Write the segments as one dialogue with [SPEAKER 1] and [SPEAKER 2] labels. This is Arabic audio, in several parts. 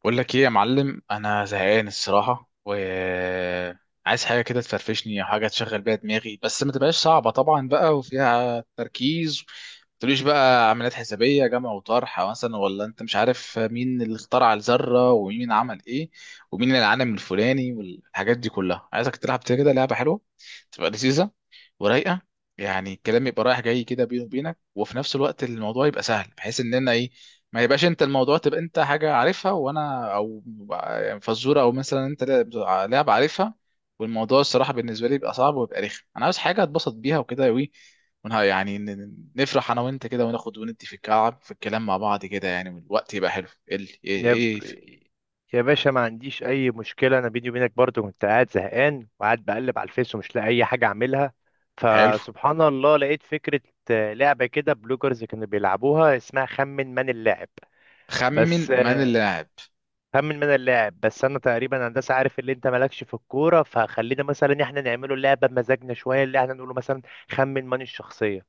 [SPEAKER 1] بقول لك ايه يا معلم، انا زهقان الصراحه، و عايز حاجه كده تفرفشني او حاجه تشغل بيها دماغي، بس ما تبقاش صعبه طبعا بقى وفيها تركيز. ما تقوليش بقى عمليات حسابيه جمع وطرح مثلا، ولا انت مش عارف مين اللي اخترع الذره ومين عمل ايه ومين العالم الفلاني والحاجات دي كلها. عايزك تلعب كده لعبه حلوه، تبقى لذيذه ورايقه. يعني الكلام يبقى رايح جاي كده بيني وبينك، وفي نفس الوقت الموضوع يبقى سهل بحيث اننا ايه، ما يبقاش انت الموضوع تبقى انت حاجة عارفها وانا او يعني فزورة، او مثلا انت لاعب عارفها والموضوع الصراحة بالنسبة لي بيبقى صعب ويبقى رخم. انا عاوز حاجة اتبسط بيها وكده، وي ونها يعني نفرح انا وانت كده وناخد وندي في الكعب في الكلام مع بعض كده يعني، والوقت يبقى حلو. ايه ال- ايه
[SPEAKER 2] يا ب...
[SPEAKER 1] ايه؟
[SPEAKER 2] يا باشا، ما عنديش اي مشكله. انا بيني وبينك برضو كنت قاعد زهقان وقاعد بقلب على الفيس ومش لاقي اي حاجه اعملها.
[SPEAKER 1] حلو.
[SPEAKER 2] فسبحان الله لقيت فكره. لعبه كده بلوجرز كانوا بيلعبوها اسمها خمن من اللاعب.
[SPEAKER 1] خمن
[SPEAKER 2] بس
[SPEAKER 1] من اللاعب.
[SPEAKER 2] خمن من اللاعب. بس انا تقريبا هندسه عارف اللي انت مالكش في الكوره، فخلينا مثلا احنا نعمله لعبه بمزاجنا شويه اللي احنا نقوله. مثلا خمن من الشخصيه.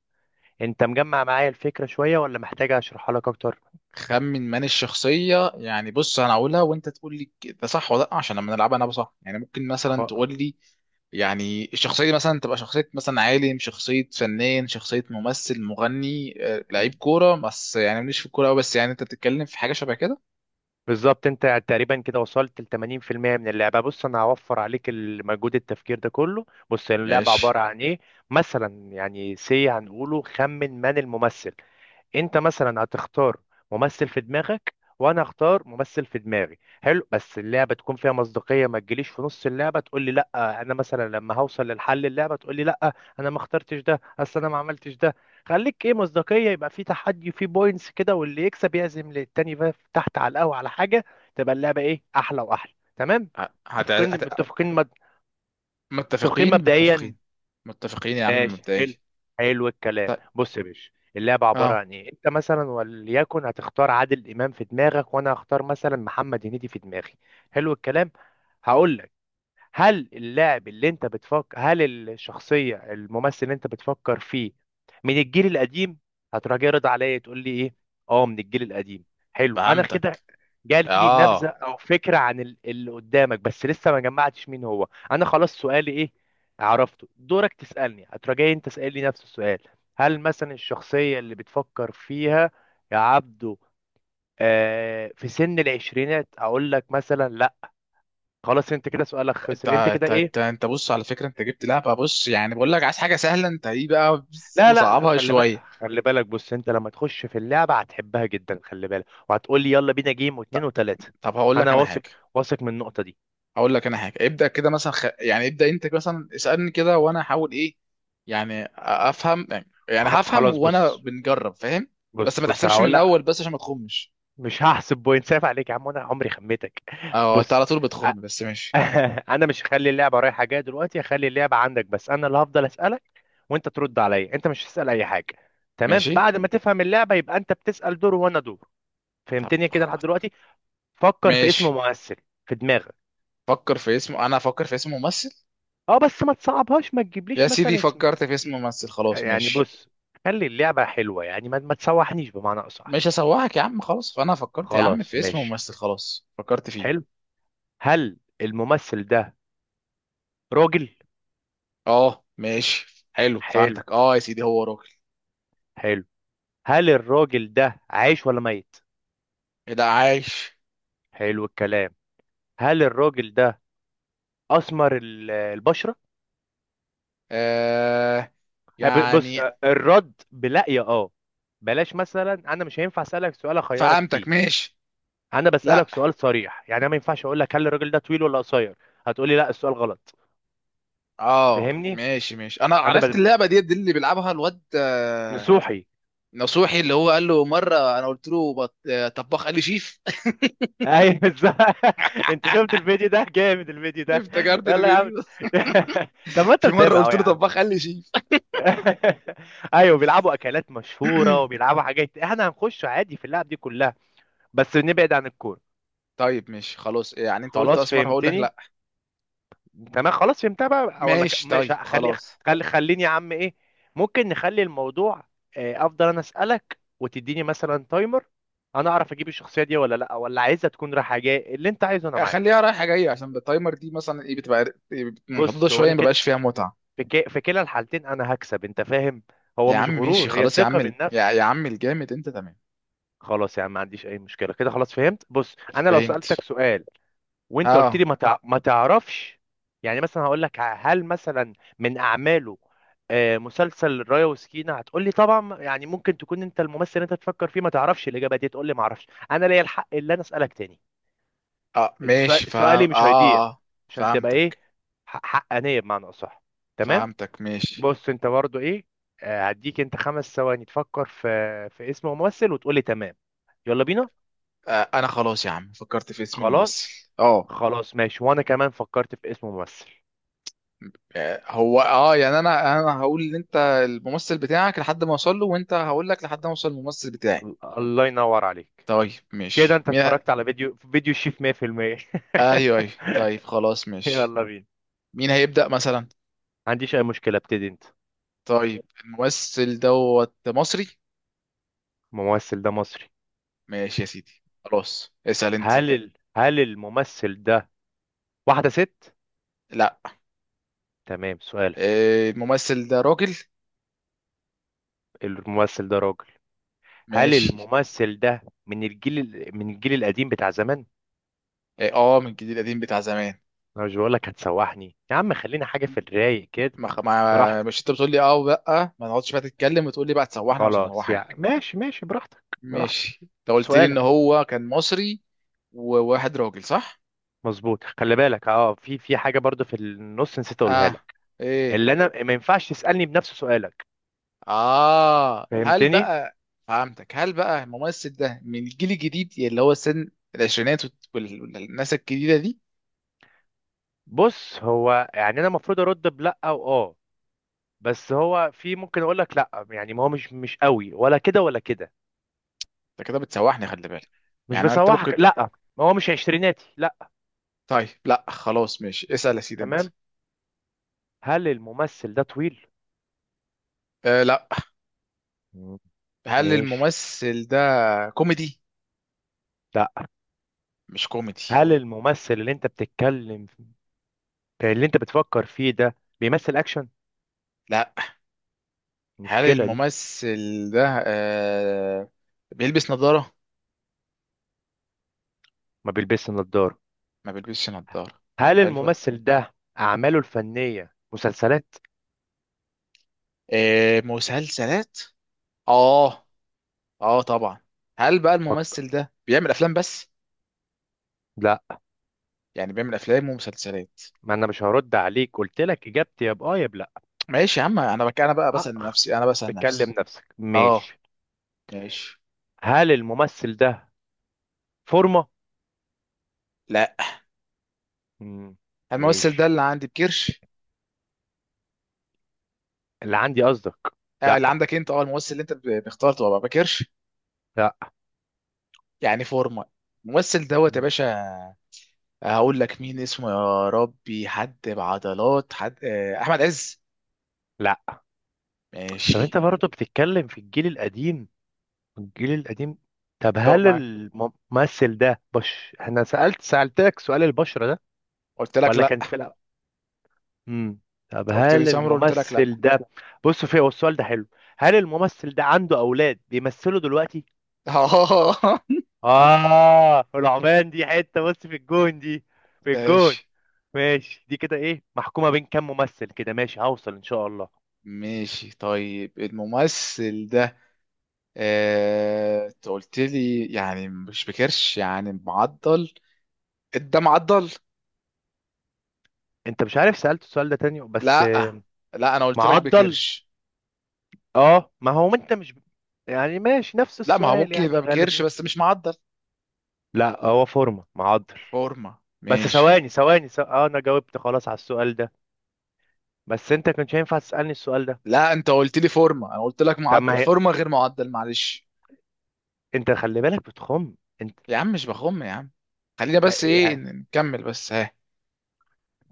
[SPEAKER 2] انت مجمع معايا الفكره شويه ولا محتاج اشرحها لك اكتر؟
[SPEAKER 1] خمن من الشخصية. يعني بص، انا هقولها وانت تقول لي ده صح ولا لا، عشان لما نلعبها انا صح. يعني ممكن
[SPEAKER 2] خ...
[SPEAKER 1] مثلا تقول لي يعني الشخصية دي مثلا تبقى شخصية مثلا عالم، شخصية فنان، شخصية ممثل، مغني، آه، لعيب كورة، بس يعني مش في الكورة أوي، بس يعني أنت بتتكلم في حاجة شبه كده.
[SPEAKER 2] بالظبط، انت تقريبا كده وصلت ل 80% من اللعبه. بص، انا هوفر عليك المجهود التفكير ده كله. بص، اللعبه
[SPEAKER 1] ماشي.
[SPEAKER 2] عباره عن ايه. مثلا يعني سي هنقوله خمن من الممثل. انت مثلا هتختار ممثل في دماغك، وانا اختار ممثل في دماغي. حلو، بس اللعبه تكون فيها مصداقيه، ما تجيليش في نص اللعبه تقول لي لا. انا مثلا لما هوصل للحل اللعبه تقول لي لا انا ما اخترتش ده، اصل انا ما عملتش ده. خليك ايه مصداقيه، يبقى في تحدي، في بوينتس كده، واللي يكسب يعزم للتاني بقى في- تحت على القهوه على حاجه. تبقى اللعبه ايه، احلى واحلى. تمام؟
[SPEAKER 1] ه- هت...
[SPEAKER 2] متفقين
[SPEAKER 1] هت...
[SPEAKER 2] متفقين متفقين
[SPEAKER 1] متفقين
[SPEAKER 2] مبدئيا.
[SPEAKER 1] متفقين. متفقين يا عم
[SPEAKER 2] ماشي.
[SPEAKER 1] مبدئيا.
[SPEAKER 2] حلو. حلو الكلام.
[SPEAKER 1] طيب.
[SPEAKER 2] بص يا باشا، اللعبة عبارة
[SPEAKER 1] اه،
[SPEAKER 2] عن ايه. انت مثلا وليكن هتختار عادل امام في دماغك، وانا هختار مثلا محمد هنيدي في دماغي. حلو الكلام. هقول لك هل اللاعب اللي انت بتفكر، هل الشخصية الممثل اللي انت بتفكر فيه من الجيل القديم؟ هتروح جاي رد عليا تقول لي ايه، اه من الجيل القديم. حلو، انا كده
[SPEAKER 1] فهمتك.
[SPEAKER 2] جات لي نبذة
[SPEAKER 1] اه.
[SPEAKER 2] او فكرة عن اللي قدامك، بس لسه ما جمعتش مين هو. انا خلاص سؤالي ايه، عرفته. دورك تسألني. هتروح جاي انت تسألني نفس السؤال، هل مثلا الشخصية اللي بتفكر فيها يا عبدو في سن العشرينات، اقول لك مثلا لا. خلاص، انت كده سؤالك
[SPEAKER 1] انت
[SPEAKER 2] خسر. انت كده
[SPEAKER 1] انت انت
[SPEAKER 2] ايه.
[SPEAKER 1] انت بص، على فكرة انت جبت لعبة. بص يعني بقول لك عايز حاجة سهلة، انت ايه بقى
[SPEAKER 2] لا لا لا،
[SPEAKER 1] مصعبها
[SPEAKER 2] خلي بالك،
[SPEAKER 1] شوية؟
[SPEAKER 2] خلي بالك. بص، انت لما تخش في اللعبه هتحبها جدا، خلي بالك، وهتقول لي يلا بينا جيم، واتنين
[SPEAKER 1] طب.
[SPEAKER 2] وتلاته.
[SPEAKER 1] طب هقول
[SPEAKER 2] انا
[SPEAKER 1] لك
[SPEAKER 2] اه
[SPEAKER 1] انا
[SPEAKER 2] واثق.
[SPEAKER 1] حاجة.
[SPEAKER 2] واثق من النقطه دي.
[SPEAKER 1] اقول لك انا حاجه ابدا كده مثلا. يعني ابدا انت مثلا اسالني كده وانا احاول ايه، يعني افهم، يعني هفهم
[SPEAKER 2] خلاص
[SPEAKER 1] وانا
[SPEAKER 2] بص.
[SPEAKER 1] بنجرب فاهم. بس
[SPEAKER 2] بص
[SPEAKER 1] ما
[SPEAKER 2] بص
[SPEAKER 1] تحسبش من
[SPEAKER 2] هقول
[SPEAKER 1] الاول
[SPEAKER 2] لا.
[SPEAKER 1] بس عشان ما تخمش.
[SPEAKER 2] مش هحسب بوينت، سايف عليك يا عم، انا عمري خميتك.
[SPEAKER 1] اه انت
[SPEAKER 2] بص،
[SPEAKER 1] على طول
[SPEAKER 2] أ-
[SPEAKER 1] بتخم، بس ماشي.
[SPEAKER 2] انا مش هخلي اللعبه رايحه جايه دلوقتي. هخلي اللعبه عندك، بس انا اللي هفضل اسالك وانت ترد عليا. انت مش هتسال اي حاجه. تمام؟
[SPEAKER 1] ماشي.
[SPEAKER 2] بعد ما تفهم اللعبه يبقى انت بتسال دور وانا دور.
[SPEAKER 1] طب
[SPEAKER 2] فهمتني كده لحد
[SPEAKER 1] خ-
[SPEAKER 2] دلوقتي؟ فكر في اسم
[SPEAKER 1] ماشي.
[SPEAKER 2] ممثل في دماغك.
[SPEAKER 1] فكر في اسم، انا افكر في اسم ممثل.
[SPEAKER 2] اه بس ما تصعبهاش، ما
[SPEAKER 1] يا
[SPEAKER 2] تجيبليش
[SPEAKER 1] سيدي
[SPEAKER 2] مثلا اسم
[SPEAKER 1] فكرت في اسم ممثل، خلاص
[SPEAKER 2] يعني.
[SPEAKER 1] ماشي.
[SPEAKER 2] بص، خلي اللعبة حلوة يعني، ما تسوحنيش بمعنى أصح.
[SPEAKER 1] مش هسوحك يا عم خلاص، فانا فكرت يا عم
[SPEAKER 2] خلاص
[SPEAKER 1] في اسم
[SPEAKER 2] ماشي.
[SPEAKER 1] ممثل، خلاص فكرت فيه.
[SPEAKER 2] حلو. هل الممثل ده راجل؟
[SPEAKER 1] اه ماشي حلو،
[SPEAKER 2] حلو.
[SPEAKER 1] فهمتك. اه يا سيدي، هو راجل.
[SPEAKER 2] حلو. هل الراجل ده عايش ولا ميت؟
[SPEAKER 1] ايه ده عايش.
[SPEAKER 2] حلو الكلام. هل الراجل ده أسمر البشرة؟
[SPEAKER 1] آه،
[SPEAKER 2] بص
[SPEAKER 1] يعني.
[SPEAKER 2] الرد بلا يا اه. بلاش مثلا، انا مش هينفع اسالك سؤال اخيرك
[SPEAKER 1] فهمتك
[SPEAKER 2] فيه.
[SPEAKER 1] ماشي.
[SPEAKER 2] انا بسالك
[SPEAKER 1] لا.
[SPEAKER 2] سؤال صريح يعني. انا ما ينفعش اقول لك هل الراجل ده طويل ولا قصير، هتقولي لا السؤال غلط.
[SPEAKER 1] اه
[SPEAKER 2] فهمني.
[SPEAKER 1] ماشي ماشي، انا
[SPEAKER 2] انا
[SPEAKER 1] عرفت
[SPEAKER 2] بل...
[SPEAKER 1] اللعبه دي اللي بيلعبها الواد آه،
[SPEAKER 2] نصوحي.
[SPEAKER 1] نصوحي، اللي هو قال له مره انا قلت له آه، طباخ، قال لي شيف.
[SPEAKER 2] ايوه بالظبط. انت شفت الفيديو ده؟ جامد الفيديو ده.
[SPEAKER 1] افتكرت
[SPEAKER 2] يلا يا عم.
[SPEAKER 1] الفيديو ده.
[SPEAKER 2] طب ما انت
[SPEAKER 1] في مره
[SPEAKER 2] متابع اهو
[SPEAKER 1] قلت
[SPEAKER 2] يا
[SPEAKER 1] له
[SPEAKER 2] عم.
[SPEAKER 1] طباخ قال لي شيف.
[SPEAKER 2] ايوه، بيلعبوا اكلات مشهوره وبيلعبوا حاجات، احنا هنخش عادي في اللعب دي كلها. بس نبعد عن الكوره.
[SPEAKER 1] طيب ماشي خلاص، يعني انت قلت
[SPEAKER 2] خلاص
[SPEAKER 1] اسمر هقول لك
[SPEAKER 2] فهمتني.
[SPEAKER 1] لا.
[SPEAKER 2] تمام. خلاص فهمتها بقى ولا
[SPEAKER 1] ماشي طيب
[SPEAKER 2] ماشي. خلي
[SPEAKER 1] خلاص.
[SPEAKER 2] خليني يا عم ايه، ممكن نخلي الموضوع افضل انا اسالك وتديني مثلا تايمر، انا اعرف اجيب الشخصيه دي ولا لا، ولا عايزها تكون رايحه جايه. اللي انت عايزه انا معاك.
[SPEAKER 1] خليها رايحه جايه، عشان بالتايمر دي مثلا ايه بتبقى محدوده
[SPEAKER 2] بص هو
[SPEAKER 1] شويه
[SPEAKER 2] انا
[SPEAKER 1] ما
[SPEAKER 2] كده
[SPEAKER 1] بيبقاش
[SPEAKER 2] في
[SPEAKER 1] فيها متعه.
[SPEAKER 2] في ك- في كلا الحالتين انا هكسب، انت فاهم. هو
[SPEAKER 1] يا عم
[SPEAKER 2] مش
[SPEAKER 1] ماشي
[SPEAKER 2] غرور، هي
[SPEAKER 1] خلاص يا عم.
[SPEAKER 2] ثقة بالنفس.
[SPEAKER 1] يا عم الجامد، انت تمام.
[SPEAKER 2] خلاص يا عم، ما عنديش اي مشكلة كده. خلاص فهمت. بص انا لو
[SPEAKER 1] فهمت.
[SPEAKER 2] سألتك سؤال وانت قلت
[SPEAKER 1] اه.
[SPEAKER 2] لي ما تعرفش، يعني مثلا هقول لك هل مثلا من اعماله مسلسل رايا وسكينة، هتقول لي طبعا، يعني ممكن تكون انت الممثل اللي انت تفكر فيه، ما تعرفش الاجابة دي تقول لي ما اعرفش، انا ليا الحق اللي انا اسالك تاني.
[SPEAKER 1] اه ماشي فهم
[SPEAKER 2] سؤالي
[SPEAKER 1] اه.
[SPEAKER 2] مش هيضيع
[SPEAKER 1] اه
[SPEAKER 2] عشان تبقى ايه،
[SPEAKER 1] فهمتك.
[SPEAKER 2] حقانية بمعنى اصح. تمام.
[SPEAKER 1] فهمتك ماشي.
[SPEAKER 2] بص انت برضو ايه، هديك انت خمس ثواني تفكر في في اسم ممثل وتقولي تمام. يلا بينا.
[SPEAKER 1] آه انا خلاص يا عم فكرت في اسم
[SPEAKER 2] خلاص.
[SPEAKER 1] الممثل. اه.
[SPEAKER 2] خلاص ماشي، وانا كمان فكرت في اسم ممثل.
[SPEAKER 1] آه، هو اه يعني انا انا هقول ان انت الممثل بتاعك لحد ما اوصل له، وانت هقول لك لحد ما اوصل الممثل بتاعي.
[SPEAKER 2] الله ينور عليك.
[SPEAKER 1] طيب
[SPEAKER 2] كده
[SPEAKER 1] ماشي،
[SPEAKER 2] انت اتفرجت على فيديو فيديو الشيف 100%.
[SPEAKER 1] ايوه ايوه طيب خلاص ماشي.
[SPEAKER 2] يلا بينا.
[SPEAKER 1] مين هيبدأ مثلا؟
[SPEAKER 2] ما عنديش اي مشكلة، ابتدي انت.
[SPEAKER 1] طيب الممثل دوت مصري.
[SPEAKER 2] الممثل ده مصري.
[SPEAKER 1] ماشي يا سيدي خلاص، اسأل انت.
[SPEAKER 2] هل الممثل ده واحدة ست؟
[SPEAKER 1] لا.
[SPEAKER 2] تمام سؤالك.
[SPEAKER 1] آه، الممثل ده راجل.
[SPEAKER 2] الممثل ده راجل. هل
[SPEAKER 1] ماشي.
[SPEAKER 2] الممثل ده من الجيل القديم بتاع زمان؟
[SPEAKER 1] اه آه، من الجيل القديم بتاع زمان.
[SPEAKER 2] انا مش بقول لك هتسوحني يا عم، خلينا حاجه في الرايق كده.
[SPEAKER 1] ما خ- ما
[SPEAKER 2] براحتك.
[SPEAKER 1] مش انت بتقول لي اه ولا، ما نقعدش بقى تتكلم وتقول لي بقى تسوحنا. مش
[SPEAKER 2] خلاص يا
[SPEAKER 1] هنسوحك.
[SPEAKER 2] ماشي ماشي براحتك. براحتك.
[SPEAKER 1] ماشي. انت قلت لي ان
[SPEAKER 2] سؤالك.
[SPEAKER 1] هو كان مصري وواحد راجل، صح.
[SPEAKER 2] مظبوط. خلي بالك اه، في حاجه برضو في النص نسيت اقولها
[SPEAKER 1] اه.
[SPEAKER 2] لك،
[SPEAKER 1] ايه.
[SPEAKER 2] اللي انا ما ينفعش تسالني بنفس سؤالك.
[SPEAKER 1] اه. هل
[SPEAKER 2] فهمتني.
[SPEAKER 1] بقى فهمتك. هل بقى الممثل ده من الجيل الجديد اللي هو سن العشرينات والناس الجديده دي؟
[SPEAKER 2] بص هو يعني انا المفروض ارد بلا او اه، بس هو في ممكن اقول لك لا يعني، ما هو مش قوي ولا كده ولا كده.
[SPEAKER 1] انت كده بتسوحني، خلي بالك.
[SPEAKER 2] مش
[SPEAKER 1] يعني انت ممكن.
[SPEAKER 2] بسوحك لا. ما هو مش عشريناتي لا.
[SPEAKER 1] طيب لا خلاص ماشي، اسأل يا سيدي انت.
[SPEAKER 2] تمام. هل الممثل ده طويل؟
[SPEAKER 1] آه لا.
[SPEAKER 2] مم.
[SPEAKER 1] هل
[SPEAKER 2] ماشي.
[SPEAKER 1] الممثل ده كوميدي؟
[SPEAKER 2] لا.
[SPEAKER 1] مش كوميدي.
[SPEAKER 2] هل الممثل اللي انت بتتكلم، اللي انت بتفكر فيه ده بيمثل اكشن؟
[SPEAKER 1] لا. هل
[SPEAKER 2] المشكله دي،
[SPEAKER 1] الممثل ده آه بيلبس نظارة؟
[SPEAKER 2] ما بيلبسش نظاره.
[SPEAKER 1] ما بيلبسش نظارة.
[SPEAKER 2] هل
[SPEAKER 1] حلوة.
[SPEAKER 2] الممثل ده اعماله الفنيه مسلسلات؟
[SPEAKER 1] آه مسلسلات؟ اه. اه طبعا. هل بقى
[SPEAKER 2] فك...
[SPEAKER 1] الممثل ده بيعمل افلام بس؟
[SPEAKER 2] لا،
[SPEAKER 1] يعني بيعمل افلام ومسلسلات.
[SPEAKER 2] ما انا مش هرد عليك، قلت لك اجابتي يا باه يا بلا.
[SPEAKER 1] ماشي يا عم. انا بك، انا بقى
[SPEAKER 2] أه.
[SPEAKER 1] بسأل نفسي، انا بسأل
[SPEAKER 2] بتكلم
[SPEAKER 1] نفسي.
[SPEAKER 2] نفسك
[SPEAKER 1] اه.
[SPEAKER 2] ماشي.
[SPEAKER 1] ماشي.
[SPEAKER 2] هل الممثل ده فورمه؟
[SPEAKER 1] لا.
[SPEAKER 2] مم.
[SPEAKER 1] الممثل
[SPEAKER 2] ماشي.
[SPEAKER 1] ده اللي عندي بكرش.
[SPEAKER 2] اللي عندي قصدك.
[SPEAKER 1] آه
[SPEAKER 2] لا.
[SPEAKER 1] اللي عندك انت، اه الممثل اللي انت بختار تبقى بكرش؟
[SPEAKER 2] لا.
[SPEAKER 1] يعني فورمة. الممثل دوت يا باشا. هقول لك مين اسمه، يا ربي، حد بعضلات، حد آه، احمد عز.
[SPEAKER 2] لا. طب انت
[SPEAKER 1] ماشي.
[SPEAKER 2] برضه بتتكلم في الجيل القديم، الجيل القديم. طب
[SPEAKER 1] طب
[SPEAKER 2] هل
[SPEAKER 1] معاك،
[SPEAKER 2] الممثل ده انا سألتك سؤال البشرة ده
[SPEAKER 1] قلت لك
[SPEAKER 2] ولا
[SPEAKER 1] لا.
[SPEAKER 2] كان في الأول؟ امم طب
[SPEAKER 1] قلت لي
[SPEAKER 2] هل
[SPEAKER 1] سمر قلت لك لا.
[SPEAKER 2] الممثل ده، بص في هو السؤال ده حلو، هل الممثل ده عنده أولاد بيمثلوا دلوقتي؟ العمان دي حتة، بص في الجون دي. في الجون.
[SPEAKER 1] ماشي
[SPEAKER 2] ماشي. دي كده ايه، محكومة بين كام ممثل كده، ماشي هوصل ان شاء الله.
[SPEAKER 1] ماشي طيب الممثل ده آه، انت قلت لي يعني مش بكرش يعني معضل، ده معضل.
[SPEAKER 2] انت مش عارف، سألت السؤال ده تاني بس
[SPEAKER 1] لا. لا انا قلت لك
[SPEAKER 2] معضل.
[SPEAKER 1] بكرش.
[SPEAKER 2] اه ما هو انت مش، يعني ماشي نفس
[SPEAKER 1] لا ما هو
[SPEAKER 2] السؤال
[SPEAKER 1] ممكن
[SPEAKER 2] يعني
[SPEAKER 1] يبقى بكرش
[SPEAKER 2] غالبا.
[SPEAKER 1] بس مش معضل.
[SPEAKER 2] لا هو فورمة معضل.
[SPEAKER 1] فورمة
[SPEAKER 2] بس
[SPEAKER 1] ماشي.
[SPEAKER 2] ثواني ثواني اه انا جاوبت خلاص على السؤال ده. بس انت كنتش هينفع تسألني السؤال ده.
[SPEAKER 1] لا انت قلت لي فورمة انا قلت لك
[SPEAKER 2] طب
[SPEAKER 1] معضل،
[SPEAKER 2] ما هي.
[SPEAKER 1] فورمة غير معضل، معلش.
[SPEAKER 2] انت خلي بالك بتخم. انت
[SPEAKER 1] يا عم مش بخم يا عم. خلينا بس ايه
[SPEAKER 2] يعني...
[SPEAKER 1] نكمل بس، ها.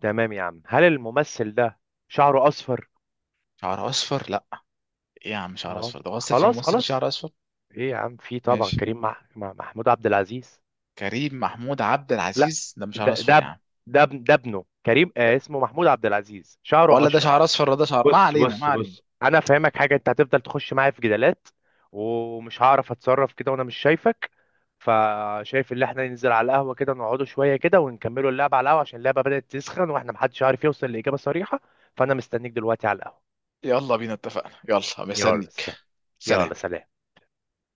[SPEAKER 2] تمام يا عم. هل الممثل ده شعره اصفر؟
[SPEAKER 1] شعر اصفر لا. ايه يا عم، شعر
[SPEAKER 2] اه
[SPEAKER 1] اصفر ده اصلا في
[SPEAKER 2] خلاص
[SPEAKER 1] ممثل
[SPEAKER 2] خلاص.
[SPEAKER 1] شعر اصفر؟
[SPEAKER 2] ايه يا عم، في طبعا
[SPEAKER 1] ماشي.
[SPEAKER 2] كريم مع محمود عبد العزيز.
[SPEAKER 1] كريم محمود عبد
[SPEAKER 2] لا،
[SPEAKER 1] العزيز ده مش شعر
[SPEAKER 2] ده
[SPEAKER 1] اصفر
[SPEAKER 2] ده
[SPEAKER 1] يا
[SPEAKER 2] اب-
[SPEAKER 1] عم؟
[SPEAKER 2] ده ابنه كريم اسمه محمود عبد العزيز شعره
[SPEAKER 1] ولا ده
[SPEAKER 2] اشقر.
[SPEAKER 1] شعر اصفر ولا ده شعر، ما
[SPEAKER 2] بص
[SPEAKER 1] علينا ما
[SPEAKER 2] بص
[SPEAKER 1] علينا.
[SPEAKER 2] بص، انا افهمك حاجه، انت هتفضل تخش معايا في جدالات ومش هعرف اتصرف كده وانا مش شايفك. فشايف ان احنا ننزل على القهوه كده، نقعدوا شويه كده ونكملوا اللعبه على القهوه، عشان اللعبه بدات تسخن واحنا محدش عارف يوصل لاجابه صريحه. فانا مستنيك دلوقتي على القهوه.
[SPEAKER 1] يلا بينا اتفقنا، يلا
[SPEAKER 2] يلا
[SPEAKER 1] مستنيك.
[SPEAKER 2] س- يلا
[SPEAKER 1] سلام.
[SPEAKER 2] سلام.